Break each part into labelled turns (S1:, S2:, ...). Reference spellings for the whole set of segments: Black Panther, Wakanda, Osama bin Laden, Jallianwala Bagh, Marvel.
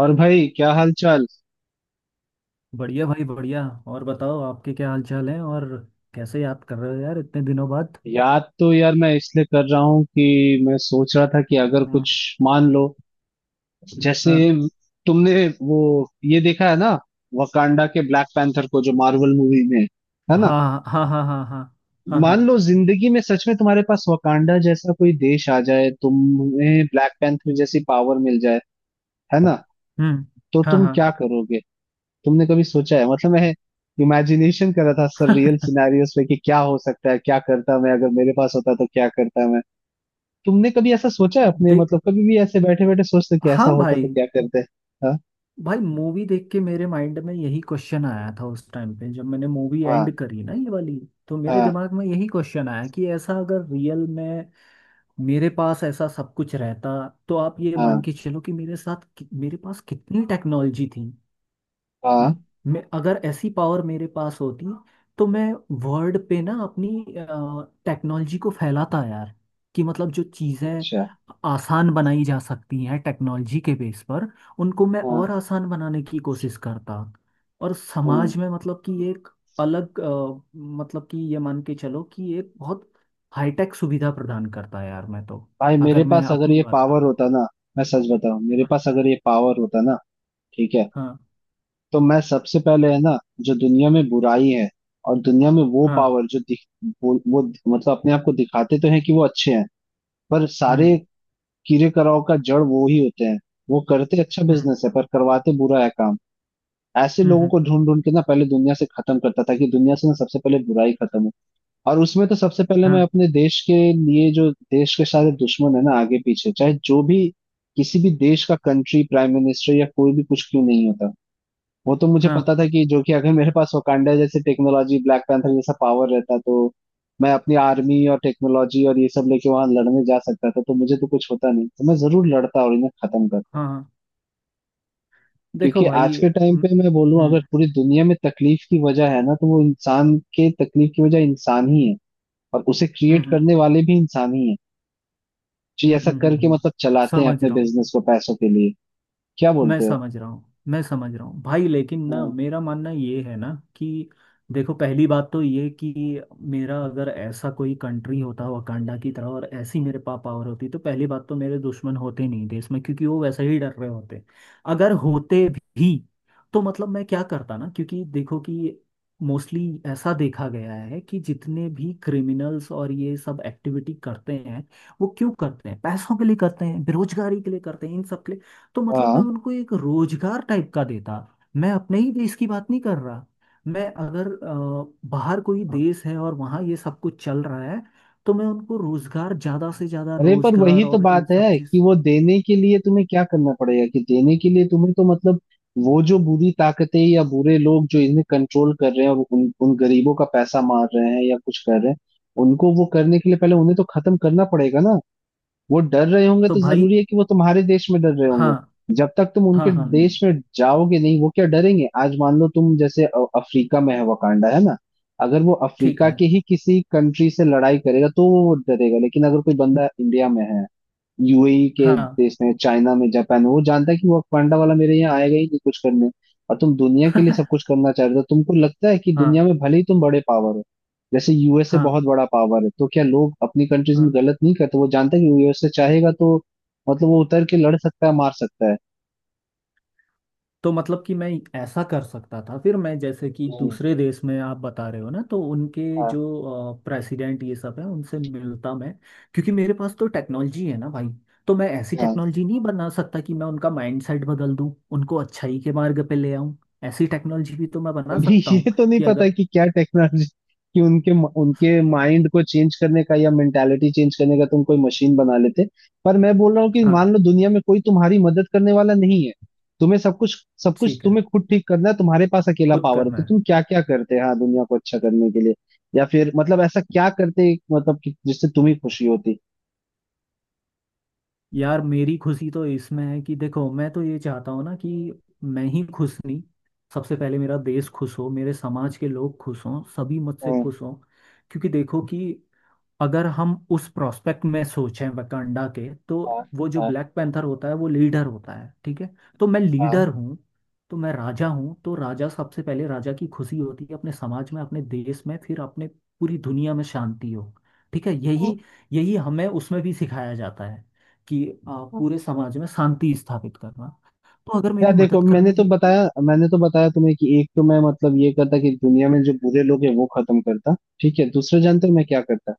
S1: और भाई, क्या हाल चाल।
S2: बढ़िया भाई, बढ़िया। और बताओ, आपके क्या हाल चाल है? और कैसे याद कर रहे हो यार इतने दिनों बाद?
S1: याद तो यार मैं इसलिए कर रहा हूँ कि मैं सोच रहा था कि अगर
S2: हाँ,
S1: कुछ, मान लो, जैसे
S2: हाँ,
S1: तुमने वो ये देखा है ना, वकांडा के ब्लैक पैंथर को जो मार्वल मूवी में है ना।
S2: हाँ, हाँ, हाँ। हाँ, हाँ, हाँ,
S1: मान
S2: हाँ।
S1: लो जिंदगी में सच में तुम्हारे पास वकांडा जैसा कोई देश आ जाए, तुम्हें ब्लैक पैंथर जैसी पावर मिल जाए, है ना,
S2: हम्म।
S1: तो
S2: हाँ,
S1: तुम
S2: हाँ।
S1: क्या करोगे? तुमने कभी सोचा है? मतलब मैं इमेजिनेशन कर रहा था सर रियल सिनेरियोस पे कि क्या हो सकता है, क्या करता मैं अगर मेरे पास होता, तो क्या करता मैं। तुमने कभी ऐसा सोचा है अपने,
S2: देख,
S1: मतलब कभी भी ऐसे बैठे बैठे सोचते कि
S2: हाँ
S1: ऐसा होता तो
S2: भाई।
S1: क्या करते? हाँ
S2: भाई, मूवी देख के मेरे माइंड में यही क्वेश्चन आया था उस टाइम पे जब मैंने मूवी एंड
S1: हाँ
S2: करी ना, ये वाली। तो मेरे
S1: हाँ
S2: दिमाग में यही क्वेश्चन आया कि ऐसा अगर रियल में मेरे पास ऐसा सब कुछ रहता, तो आप ये मान
S1: हाँ
S2: के चलो कि मेरे साथ मेरे पास कितनी टेक्नोलॉजी थी
S1: हाँ।
S2: है। मैं अगर ऐसी पावर मेरे पास होती तो मैं वर्ल्ड पे ना अपनी टेक्नोलॉजी को फैलाता यार। कि मतलब जो चीज़ें
S1: अच्छा।
S2: आसान बनाई जा सकती हैं टेक्नोलॉजी के बेस पर, उनको मैं
S1: हाँ।
S2: और आसान बनाने की कोशिश करता। और
S1: हम्म।
S2: समाज में मतलब कि एक मतलब कि ये मान के चलो कि एक बहुत हाईटेक सुविधा प्रदान करता यार मैं तो,
S1: भाई, मेरे
S2: अगर मैं
S1: पास अगर
S2: अपनी
S1: ये
S2: बात
S1: पावर
S2: करूँ।
S1: होता ना, मैं सच बताऊं, मेरे
S2: हाँ,
S1: पास अगर ये पावर होता ना, ठीक है,
S2: हाँ,
S1: तो मैं सबसे पहले, है ना, जो दुनिया में बुराई है और दुनिया में वो
S2: हाँ,
S1: पावर जो दिख, वो मतलब अपने आप को दिखाते तो हैं कि वो अच्छे हैं, पर सारे
S2: हम्म।
S1: कीड़े कराओ का जड़ वो ही होते हैं। वो करते अच्छा
S2: हम्म,
S1: बिजनेस है पर करवाते बुरा है काम। ऐसे
S2: हम्म,
S1: लोगों
S2: हम्म।
S1: को ढूंढ ढूंढ के ना पहले दुनिया से खत्म करता था कि दुनिया से ना सबसे पहले बुराई खत्म हो। और उसमें तो सबसे पहले मैं
S2: हाँ,
S1: अपने देश के लिए, जो देश के सारे दुश्मन है ना आगे पीछे चाहे जो भी, किसी भी देश का कंट्री प्राइम मिनिस्टर या कोई भी, कुछ क्यों नहीं होता, वो तो मुझे
S2: हाँ,
S1: पता था कि जो, कि अगर मेरे पास वकांडा जैसे टेक्नोलॉजी, ब्लैक पैंथर जैसा पावर रहता, तो मैं अपनी आर्मी और टेक्नोलॉजी और ये सब लेके वहां लड़ने जा सकता था, तो मुझे तो कुछ होता नहीं, तो मैं जरूर लड़ता और इन्हें खत्म करता।
S2: हाँ। देखो
S1: क्योंकि आज
S2: भाई।
S1: के टाइम
S2: हम्म,
S1: पे मैं बोलूं, अगर
S2: हम्म,
S1: पूरी दुनिया में तकलीफ की वजह है ना, तो वो इंसान के तकलीफ की वजह इंसान ही है। और उसे क्रिएट
S2: हम्म,
S1: करने वाले भी इंसान ही है, जो
S2: हम्म,
S1: ऐसा करके
S2: हम्म।
S1: मतलब चलाते हैं
S2: समझ
S1: अपने
S2: रहा हूँ।
S1: बिजनेस को पैसों के लिए। क्या
S2: मैं
S1: बोलते हो?
S2: समझ रहा हूँ, मैं समझ रहा हूँ भाई, लेकिन ना
S1: हम्म।
S2: मेरा मानना ये है ना कि देखो, पहली बात तो ये कि मेरा अगर ऐसा कोई कंट्री होता वकांडा की तरह और ऐसी मेरे पास पावर होती, तो पहली बात तो मेरे दुश्मन होते नहीं देश में, क्योंकि वो वैसे ही डर रहे होते। अगर होते भी तो मतलब मैं क्या करता ना, क्योंकि देखो कि मोस्टली ऐसा देखा गया है कि जितने भी क्रिमिनल्स और ये सब एक्टिविटी करते हैं, वो क्यों करते हैं? पैसों के लिए करते हैं, बेरोजगारी के लिए करते हैं, इन सब। तो मतलब मैं
S1: हाँ।
S2: उनको एक रोजगार टाइप का देता। मैं अपने ही देश की बात नहीं कर रहा। मैं अगर बाहर कोई देश है और वहाँ ये सब कुछ चल रहा है, तो मैं उनको रोजगार, ज्यादा से ज्यादा
S1: अरे पर वही
S2: रोजगार
S1: तो
S2: और इन
S1: बात
S2: सब
S1: है
S2: चीज।
S1: कि वो देने के लिए तुम्हें क्या करना पड़ेगा, कि देने के लिए तुम्हें तो मतलब, वो जो बुरी ताकतें या बुरे लोग जो इन्हें कंट्रोल कर रहे हैं और उन उन गरीबों का पैसा मार रहे हैं या कुछ कर रहे हैं, उनको वो करने के लिए पहले उन्हें तो खत्म करना पड़ेगा ना। वो डर रहे होंगे
S2: तो
S1: तो
S2: भाई,
S1: जरूरी है कि वो तुम्हारे देश में डर रहे
S2: हाँ,
S1: होंगे? जब तक तुम उनके
S2: हाँ, हाँ।
S1: देश में जाओगे नहीं, वो क्या डरेंगे? आज मान लो तुम जैसे अफ्रीका में है, वकांडा है ना। अगर वो
S2: ठीक
S1: अफ्रीका
S2: है।
S1: के ही किसी कंट्री से लड़ाई करेगा तो वो डरेगा, लेकिन अगर कोई बंदा इंडिया में है, यूएई के
S2: हाँ।
S1: देश में, चाइना में, जापान में, वो जानता है कि वो पांडा वाला मेरे यहाँ आएगा ही नहीं कुछ करने। और तुम दुनिया के लिए सब कुछ करना चाह रहे हो, तो तुमको लगता है कि
S2: हाँ,
S1: दुनिया में भले ही तुम बड़े पावर हो, जैसे यूएसए
S2: हाँ,
S1: बहुत बड़ा पावर है, तो क्या लोग अपनी कंट्रीज में
S2: हाँ।
S1: गलत नहीं करते? वो जानता है कि यूएसए चाहेगा तो मतलब वो उतर के लड़ सकता है, मार सकता है।
S2: तो मतलब कि मैं ऐसा कर सकता था। फिर मैं जैसे कि
S1: हम्म।
S2: दूसरे देश में आप बता रहे हो ना, तो उनके
S1: हाँ
S2: जो प्रेसिडेंट ये सब है, उनसे मिलता मैं। क्योंकि मेरे पास तो टेक्नोलॉजी है ना भाई, तो मैं ऐसी
S1: हाँ।
S2: टेक्नोलॉजी नहीं बना सकता कि मैं उनका माइंडसेट बदल दूं, उनको अच्छाई के मार्ग पे ले आऊं? ऐसी टेक्नोलॉजी भी तो मैं बना
S1: अभी
S2: सकता हूँ
S1: ये तो नहीं
S2: कि
S1: पता
S2: अगर।
S1: है कि क्या टेक्नोलॉजी, कि उनके, उनके माइंड को चेंज करने का या मेंटालिटी चेंज करने का तुम कोई मशीन बना लेते। पर मैं बोल रहा हूँ कि
S2: हाँ।
S1: मान लो दुनिया में कोई तुम्हारी मदद करने वाला नहीं है, तुम्हें सब कुछ, सब कुछ
S2: ठीक है,
S1: तुम्हें खुद ठीक करना है, तुम्हारे पास अकेला
S2: खुद
S1: पावर है, तो
S2: करना है।
S1: तुम क्या क्या करते हैं, हाँ, दुनिया को अच्छा करने के लिए? या फिर मतलब ऐसा क्या करते मतलब कि जिससे तुम्हें खुशी होती?
S2: यार मेरी खुशी तो इसमें है कि देखो, मैं तो ये चाहता हूँ ना कि मैं ही खुश नहीं, सबसे पहले मेरा देश खुश हो, मेरे समाज के लोग खुश हों, सभी मुझसे
S1: हाँ
S2: खुश हों। क्योंकि देखो कि अगर हम उस प्रोस्पेक्ट में सोचें वकांडा के, तो
S1: हाँ
S2: वो जो
S1: हाँ
S2: ब्लैक पैंथर होता है वो लीडर होता है, ठीक है? तो मैं लीडर
S1: हाँ
S2: हूँ, तो मैं राजा हूँ। तो राजा सबसे पहले, राजा की खुशी होती है अपने समाज में, अपने देश में, फिर अपने पूरी दुनिया में शांति हो। ठीक है,
S1: हाँ।
S2: यही, हमें उसमें भी सिखाया जाता है कि पूरे समाज में शांति स्थापित करना। तो अगर
S1: यार
S2: मेरी
S1: देखो,
S2: मदद
S1: मैंने
S2: करने के
S1: तो
S2: लिए कोई-
S1: बताया, मैंने तो बताया तुम्हें, कि एक तो मैं मतलब ये करता कि दुनिया में जो बुरे लोग हैं वो खत्म करता, ठीक है। दूसरा जानते हो मैं क्या करता,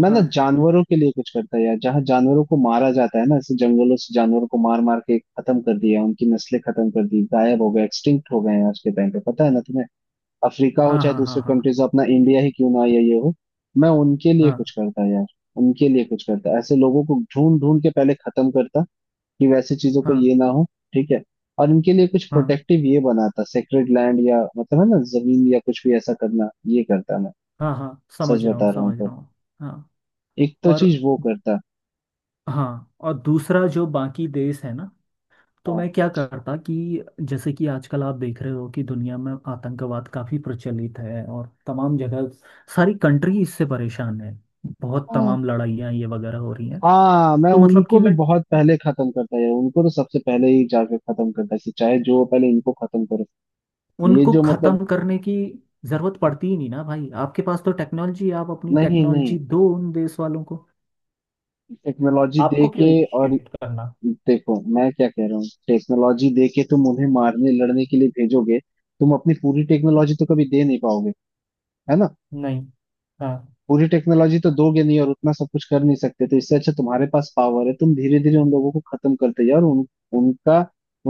S1: मैं ना
S2: हाँ,
S1: जानवरों के लिए कुछ करता यार। जहाँ जानवरों को मारा जाता है ना, ऐसे जंगलों से जानवरों को मार मार के खत्म कर दिया, उनकी नस्लें खत्म कर दी, गायब हो गए, एक्सटिंक्ट हो गए हैं आज के टाइम पे, पता है ना तुम्हें, अफ्रीका हो
S2: हाँ,
S1: चाहे
S2: हाँ, हाँ,
S1: दूसरे
S2: हाँ।
S1: कंट्रीज हो, अपना इंडिया ही क्यों ना हो या ये हो, मैं उनके लिए
S2: हाँ,
S1: कुछ करता यार। उनके लिए कुछ करता, ऐसे लोगों को ढूंढ ढूंढ के पहले खत्म करता, कि वैसे चीजों को
S2: हाँ,
S1: ये ना हो, ठीक है। और इनके लिए कुछ
S2: हाँ,
S1: प्रोटेक्टिव ये बनाता, सेक्रेड लैंड या मतलब है ना, जमीन या कुछ भी ऐसा करना, ये करता मैं।
S2: हाँ, हाँ।
S1: सच
S2: समझ रहा हूँ,
S1: बता रहा हूँ
S2: समझ
S1: तो।
S2: रहा हूँ। हाँ
S1: एक तो
S2: और,
S1: चीज वो करता।
S2: हाँ और दूसरा जो बाकी देश है ना, तो
S1: हाँ
S2: मैं क्या करता कि जैसे कि आजकल आप देख रहे हो कि दुनिया में आतंकवाद काफी प्रचलित है और तमाम जगह सारी कंट्री इससे परेशान है। बहुत
S1: हाँ
S2: तमाम लड़ाइयाँ ये वगैरह हो रही हैं।
S1: हाँ, मैं
S2: तो मतलब
S1: उनको
S2: कि
S1: भी
S2: मैं
S1: बहुत पहले खत्म करता यार, उनको तो सबसे पहले ही जाके खत्म करता, कि चाहे जो हो, पहले इनको खत्म करो। ये
S2: उनको
S1: जो मतलब,
S2: खत्म करने की जरूरत पड़ती ही नहीं ना भाई, आपके पास तो टेक्नोलॉजी। आप अपनी
S1: नहीं नहीं,
S2: टेक्नोलॉजी दो उन देश वालों को,
S1: टेक्नोलॉजी दे
S2: आपको
S1: के,
S2: क्यों
S1: और
S2: इनिशिएट करना?
S1: देखो मैं क्या कह रहा हूँ, टेक्नोलॉजी दे के तुम उन्हें मारने लड़ने के लिए भेजोगे। तुम अपनी पूरी टेक्नोलॉजी तो कभी दे नहीं पाओगे, है ना।
S2: नहीं। हाँ।
S1: पूरी टेक्नोलॉजी तो दोगे नहीं, और उतना सब कुछ कर नहीं सकते, तो इससे अच्छा तुम्हारे पास पावर है, तुम धीरे धीरे उन लोगों को खत्म करते जाओ, और उन, उनका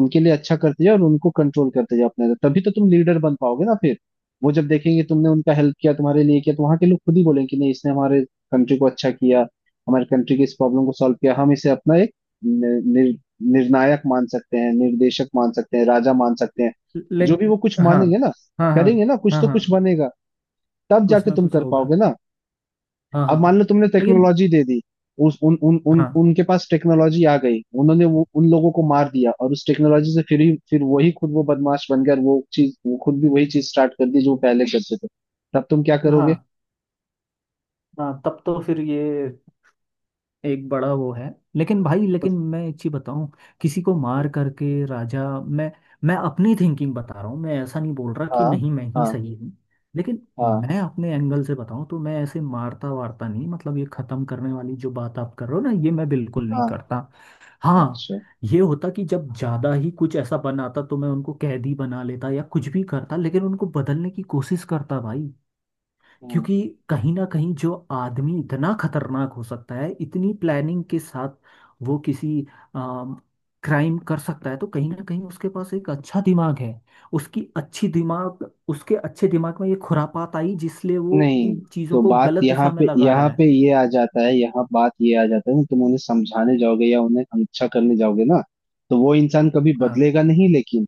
S1: उनके लिए अच्छा करते जाओ और उनको कंट्रोल करते जाओ अपने अंदर। तभी तो तुम लीडर बन पाओगे ना फिर। वो जब देखेंगे तुमने उनका हेल्प किया, तुम्हारे लिए किया, तो वहां के लोग खुद ही बोलेंगे कि नहीं, इसने हमारे कंट्री को अच्छा किया, हमारे कंट्री की इस प्रॉब्लम को सॉल्व किया, हम इसे अपना एक नि- निर, निर्णायक मान सकते हैं, निर्देशक मान सकते हैं, राजा मान सकते हैं,
S2: ले,
S1: जो भी वो कुछ
S2: हाँ,
S1: मानेंगे ना,
S2: हाँ, हाँ। हाँ,
S1: करेंगे ना कुछ
S2: हाँ,
S1: तो कुछ
S2: हाँ,
S1: बनेगा, तब
S2: कुछ
S1: जाके
S2: ना
S1: तुम
S2: कुछ
S1: कर
S2: होगा।
S1: पाओगे ना।
S2: हाँ,
S1: अब
S2: हाँ।
S1: मान लो तुमने
S2: लेकिन,
S1: टेक्नोलॉजी दे दी, उस उन उन उन
S2: हाँ,
S1: उनके पास टेक्नोलॉजी आ गई, उन्होंने वो उन लोगों को मार दिया और उस टेक्नोलॉजी से फिर ही फिर वही खुद वो बदमाश बन गया और वो चीज वो खुद भी वही चीज स्टार्ट कर दी जो वो पहले करते थे, तब तुम क्या करोगे?
S2: हाँ, हाँ, तब तो फिर ये एक बड़ा वो है। लेकिन भाई, लेकिन मैं एक चीज बताऊं, किसी को मार करके राजा मैं अपनी थिंकिंग बता रहा हूँ, मैं ऐसा नहीं बोल रहा कि
S1: हाँ
S2: नहीं, मैं ही
S1: हाँ
S2: सही हूँ। लेकिन
S1: हाँ
S2: मैं अपने एंगल से बताऊं तो मैं ऐसे मारता वारता नहीं, मतलब ये खत्म करने वाली जो बात आप कर रहे हो ना, ये मैं बिल्कुल नहीं
S1: हाँ।
S2: करता। हाँ,
S1: अच्छा।
S2: ये होता कि जब ज्यादा ही कुछ ऐसा बनाता तो मैं उनको कैदी बना लेता या कुछ भी करता, लेकिन उनको बदलने की कोशिश करता भाई।
S1: हाँ।
S2: क्योंकि कहीं ना कहीं जो आदमी इतना खतरनाक हो सकता है इतनी प्लानिंग के साथ, वो किसी क्राइम कर सकता है, तो कहीं ना कहीं उसके पास एक अच्छा दिमाग है। उसकी अच्छी दिमाग, उसके अच्छे दिमाग में ये खुरापात आई जिसलिए वो
S1: नहीं,
S2: इन
S1: तो
S2: चीज़ों को
S1: बात
S2: गलत
S1: यहाँ
S2: दिशा में
S1: पे,
S2: लगा
S1: यहाँ
S2: रहा है।
S1: पे ये आ जाता है, यहाँ बात ये आ जाता है ना, तुम उन्हें समझाने जाओगे या उन्हें अच्छा करने जाओगे ना, तो वो इंसान कभी
S2: हाँ,
S1: बदलेगा नहीं। लेकिन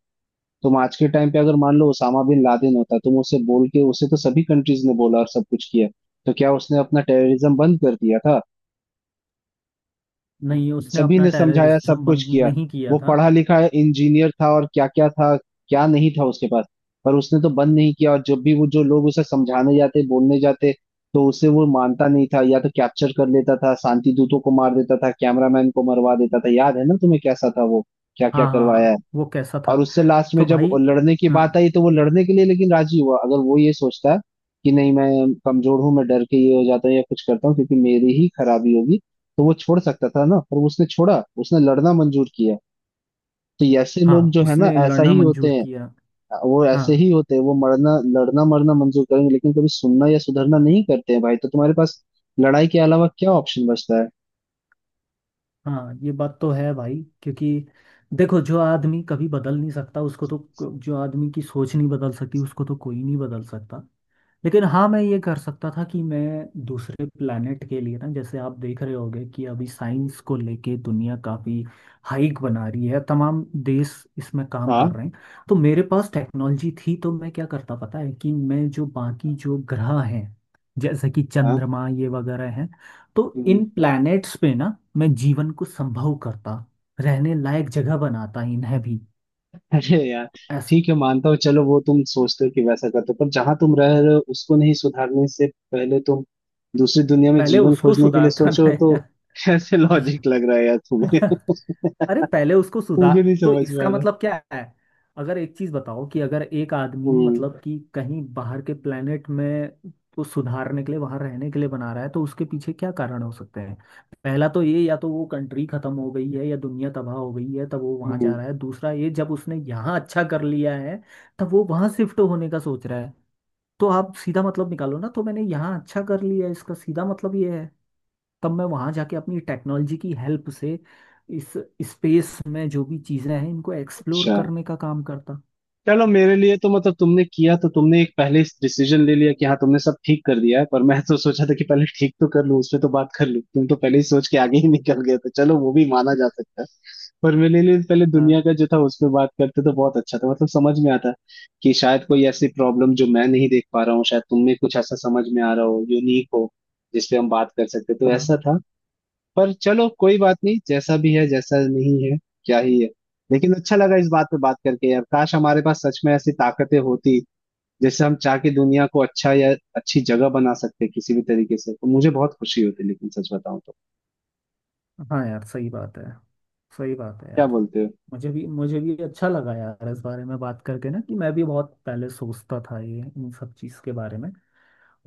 S1: तुम आज के टाइम पे अगर मान लो ओसामा बिन लादेन होता, तुम उसे बोल के, उसे तो सभी कंट्रीज ने बोला और सब कुछ किया, तो क्या उसने अपना टेररिज्म बंद कर दिया था?
S2: नहीं, उसने
S1: सभी
S2: अपना
S1: ने समझाया, सब
S2: टेररिज्म
S1: कुछ
S2: बंद
S1: किया,
S2: नहीं किया
S1: वो
S2: था।
S1: पढ़ा लिखा इंजीनियर था और क्या क्या था क्या नहीं था उसके पास, पर उसने तो बंद नहीं किया। और जब भी वो, जो लोग उसे समझाने जाते बोलने जाते, तो उसे वो मानता नहीं था, या तो कैप्चर कर लेता था, शांति दूतों को मार देता था, कैमरामैन को मरवा देता था, याद है ना तुम्हें कैसा था वो, क्या क्या
S2: हाँ, हाँ,
S1: करवाया है।
S2: हाँ, वो कैसा
S1: और
S2: था।
S1: उससे लास्ट में
S2: तो
S1: जब वो
S2: भाई,
S1: लड़ने की बात
S2: हाँ,
S1: आई, तो वो लड़ने के लिए लेकिन राजी हुआ। अगर वो ये सोचता कि नहीं, मैं कमजोर हूं, मैं डर के ये हो जाता हूँ या कुछ करता हूँ क्योंकि मेरी ही खराबी होगी, तो वो छोड़ सकता था ना, पर उसने छोड़ा, उसने लड़ना मंजूर किया। तो ये ऐसे लोग
S2: हाँ,
S1: जो है ना,
S2: उसने
S1: ऐसा
S2: लड़ना
S1: ही होते
S2: मंजूर
S1: हैं,
S2: किया।
S1: वो ऐसे
S2: हाँ,
S1: ही होते हैं, वो मरना लड़ना मरना मंजूर करेंगे लेकिन कभी सुनना या सुधरना नहीं करते हैं भाई। तो तुम्हारे पास लड़ाई के अलावा क्या ऑप्शन बचता है?
S2: हाँ, ये बात तो है भाई। क्योंकि देखो, जो आदमी कभी बदल नहीं सकता उसको तो, जो आदमी की सोच नहीं बदल सकती उसको तो कोई नहीं बदल सकता। लेकिन हाँ, मैं ये कर सकता था कि मैं दूसरे प्लानट के लिए ना, जैसे आप देख रहे होगे कि अभी साइंस को लेके दुनिया काफ़ी हाइक बना रही है, तमाम देश इसमें काम कर
S1: हाँ
S2: रहे हैं। तो मेरे पास टेक्नोलॉजी थी तो मैं क्या करता पता है? कि मैं जो बाकी जो ग्रह हैं, जैसे कि
S1: हाँ।
S2: चंद्रमा ये वगैरह हैं, तो इन प्लैनेट्स पे ना मैं जीवन को संभव करता, रहने लायक जगह बनाता इन्हें भी,
S1: अरे यार,
S2: ऐसा।
S1: ठीक है, मानता हूँ, चलो वो तुम सोचते हो कि वैसा करते हो, पर जहां तुम रह रहे हो उसको नहीं सुधारने से पहले तुम दूसरी दुनिया में
S2: पहले
S1: जीवन
S2: उसको
S1: खोजने के लिए
S2: सुधारता ना
S1: सोचो तो,
S2: है।
S1: कैसे लॉजिक लग रहा है यार तुम्हें?
S2: अरे पहले उसको सुधार,
S1: मुझे नहीं
S2: तो
S1: समझ में आ
S2: इसका
S1: रहा।
S2: मतलब क्या है? अगर एक चीज बताओ कि अगर एक आदमी
S1: हम्म
S2: मतलब कि कहीं बाहर के प्लेनेट में को सुधारने के लिए वहां रहने के लिए बना रहा है, तो उसके पीछे क्या कारण हो सकते हैं? पहला तो ये, या तो वो कंट्री खत्म हो गई है या दुनिया तबाह हो गई है, तब वो वहां जा
S1: हम्म।
S2: रहा है। दूसरा ये, जब उसने यहाँ अच्छा कर लिया है, तब वो वहां शिफ्ट होने का सोच रहा है। तो आप सीधा मतलब निकालो ना, तो मैंने यहाँ अच्छा कर लिया है, इसका सीधा मतलब ये है। तब मैं वहां जाके अपनी टेक्नोलॉजी की हेल्प से इस स्पेस में जो भी चीजें हैं, इनको एक्सप्लोर
S1: अच्छा।
S2: करने का काम करता।
S1: चलो मेरे लिए तो मतलब तुमने किया तो, तुमने एक पहले डिसीजन ले लिया कि हाँ तुमने सब ठीक कर दिया है, पर मैं तो सोचा था कि पहले ठीक तो कर लूं, उसमें तो बात कर लूं, तुम तो पहले ही सोच के आगे ही निकल गए, तो चलो वो भी माना जा सकता है। पर मेरे लिए पहले
S2: हाँ,
S1: दुनिया का जो था उस पे बात करते तो बहुत अच्छा था, मतलब समझ में आता कि शायद कोई ऐसी प्रॉब्लम जो मैं नहीं देख पा रहा हूँ, शायद तुम में कुछ ऐसा समझ में आ रहा हो, यूनिक हो, जिसपे हम बात कर सकते, तो ऐसा
S2: हाँ।
S1: था। पर चलो कोई बात नहीं, जैसा भी है जैसा नहीं है, क्या ही है। लेकिन अच्छा लगा इस बात पे बात करके यार, काश हमारे पास सच में ऐसी ताकतें होती जिससे हम चाह के दुनिया को अच्छा या अच्छी जगह बना सकते किसी भी तरीके से, तो मुझे बहुत खुशी होती। लेकिन सच बताऊं तो,
S2: हाँ यार, सही बात है, सही बात है
S1: क्या
S2: यार।
S1: बोलते हो?
S2: मुझे भी अच्छा लगा यार इस बारे में बात करके ना, कि मैं भी बहुत पहले सोचता था ये इन सब चीज़ के बारे में।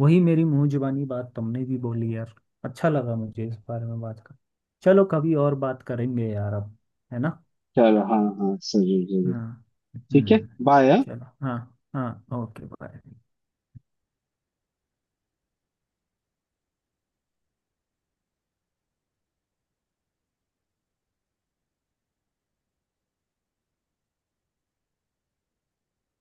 S2: वही मेरी मुंह जुबानी बात तुमने भी बोली यार। अच्छा लगा मुझे इस बारे में बात कर। चलो, कभी और बात करेंगे यार अब, है ना?
S1: चलो हाँ हाँ, जरूर जरूर।
S2: हाँ,
S1: ठीक है।
S2: हम्म।
S1: बाय।
S2: चलो हाँ, हाँ, ओके, बाय।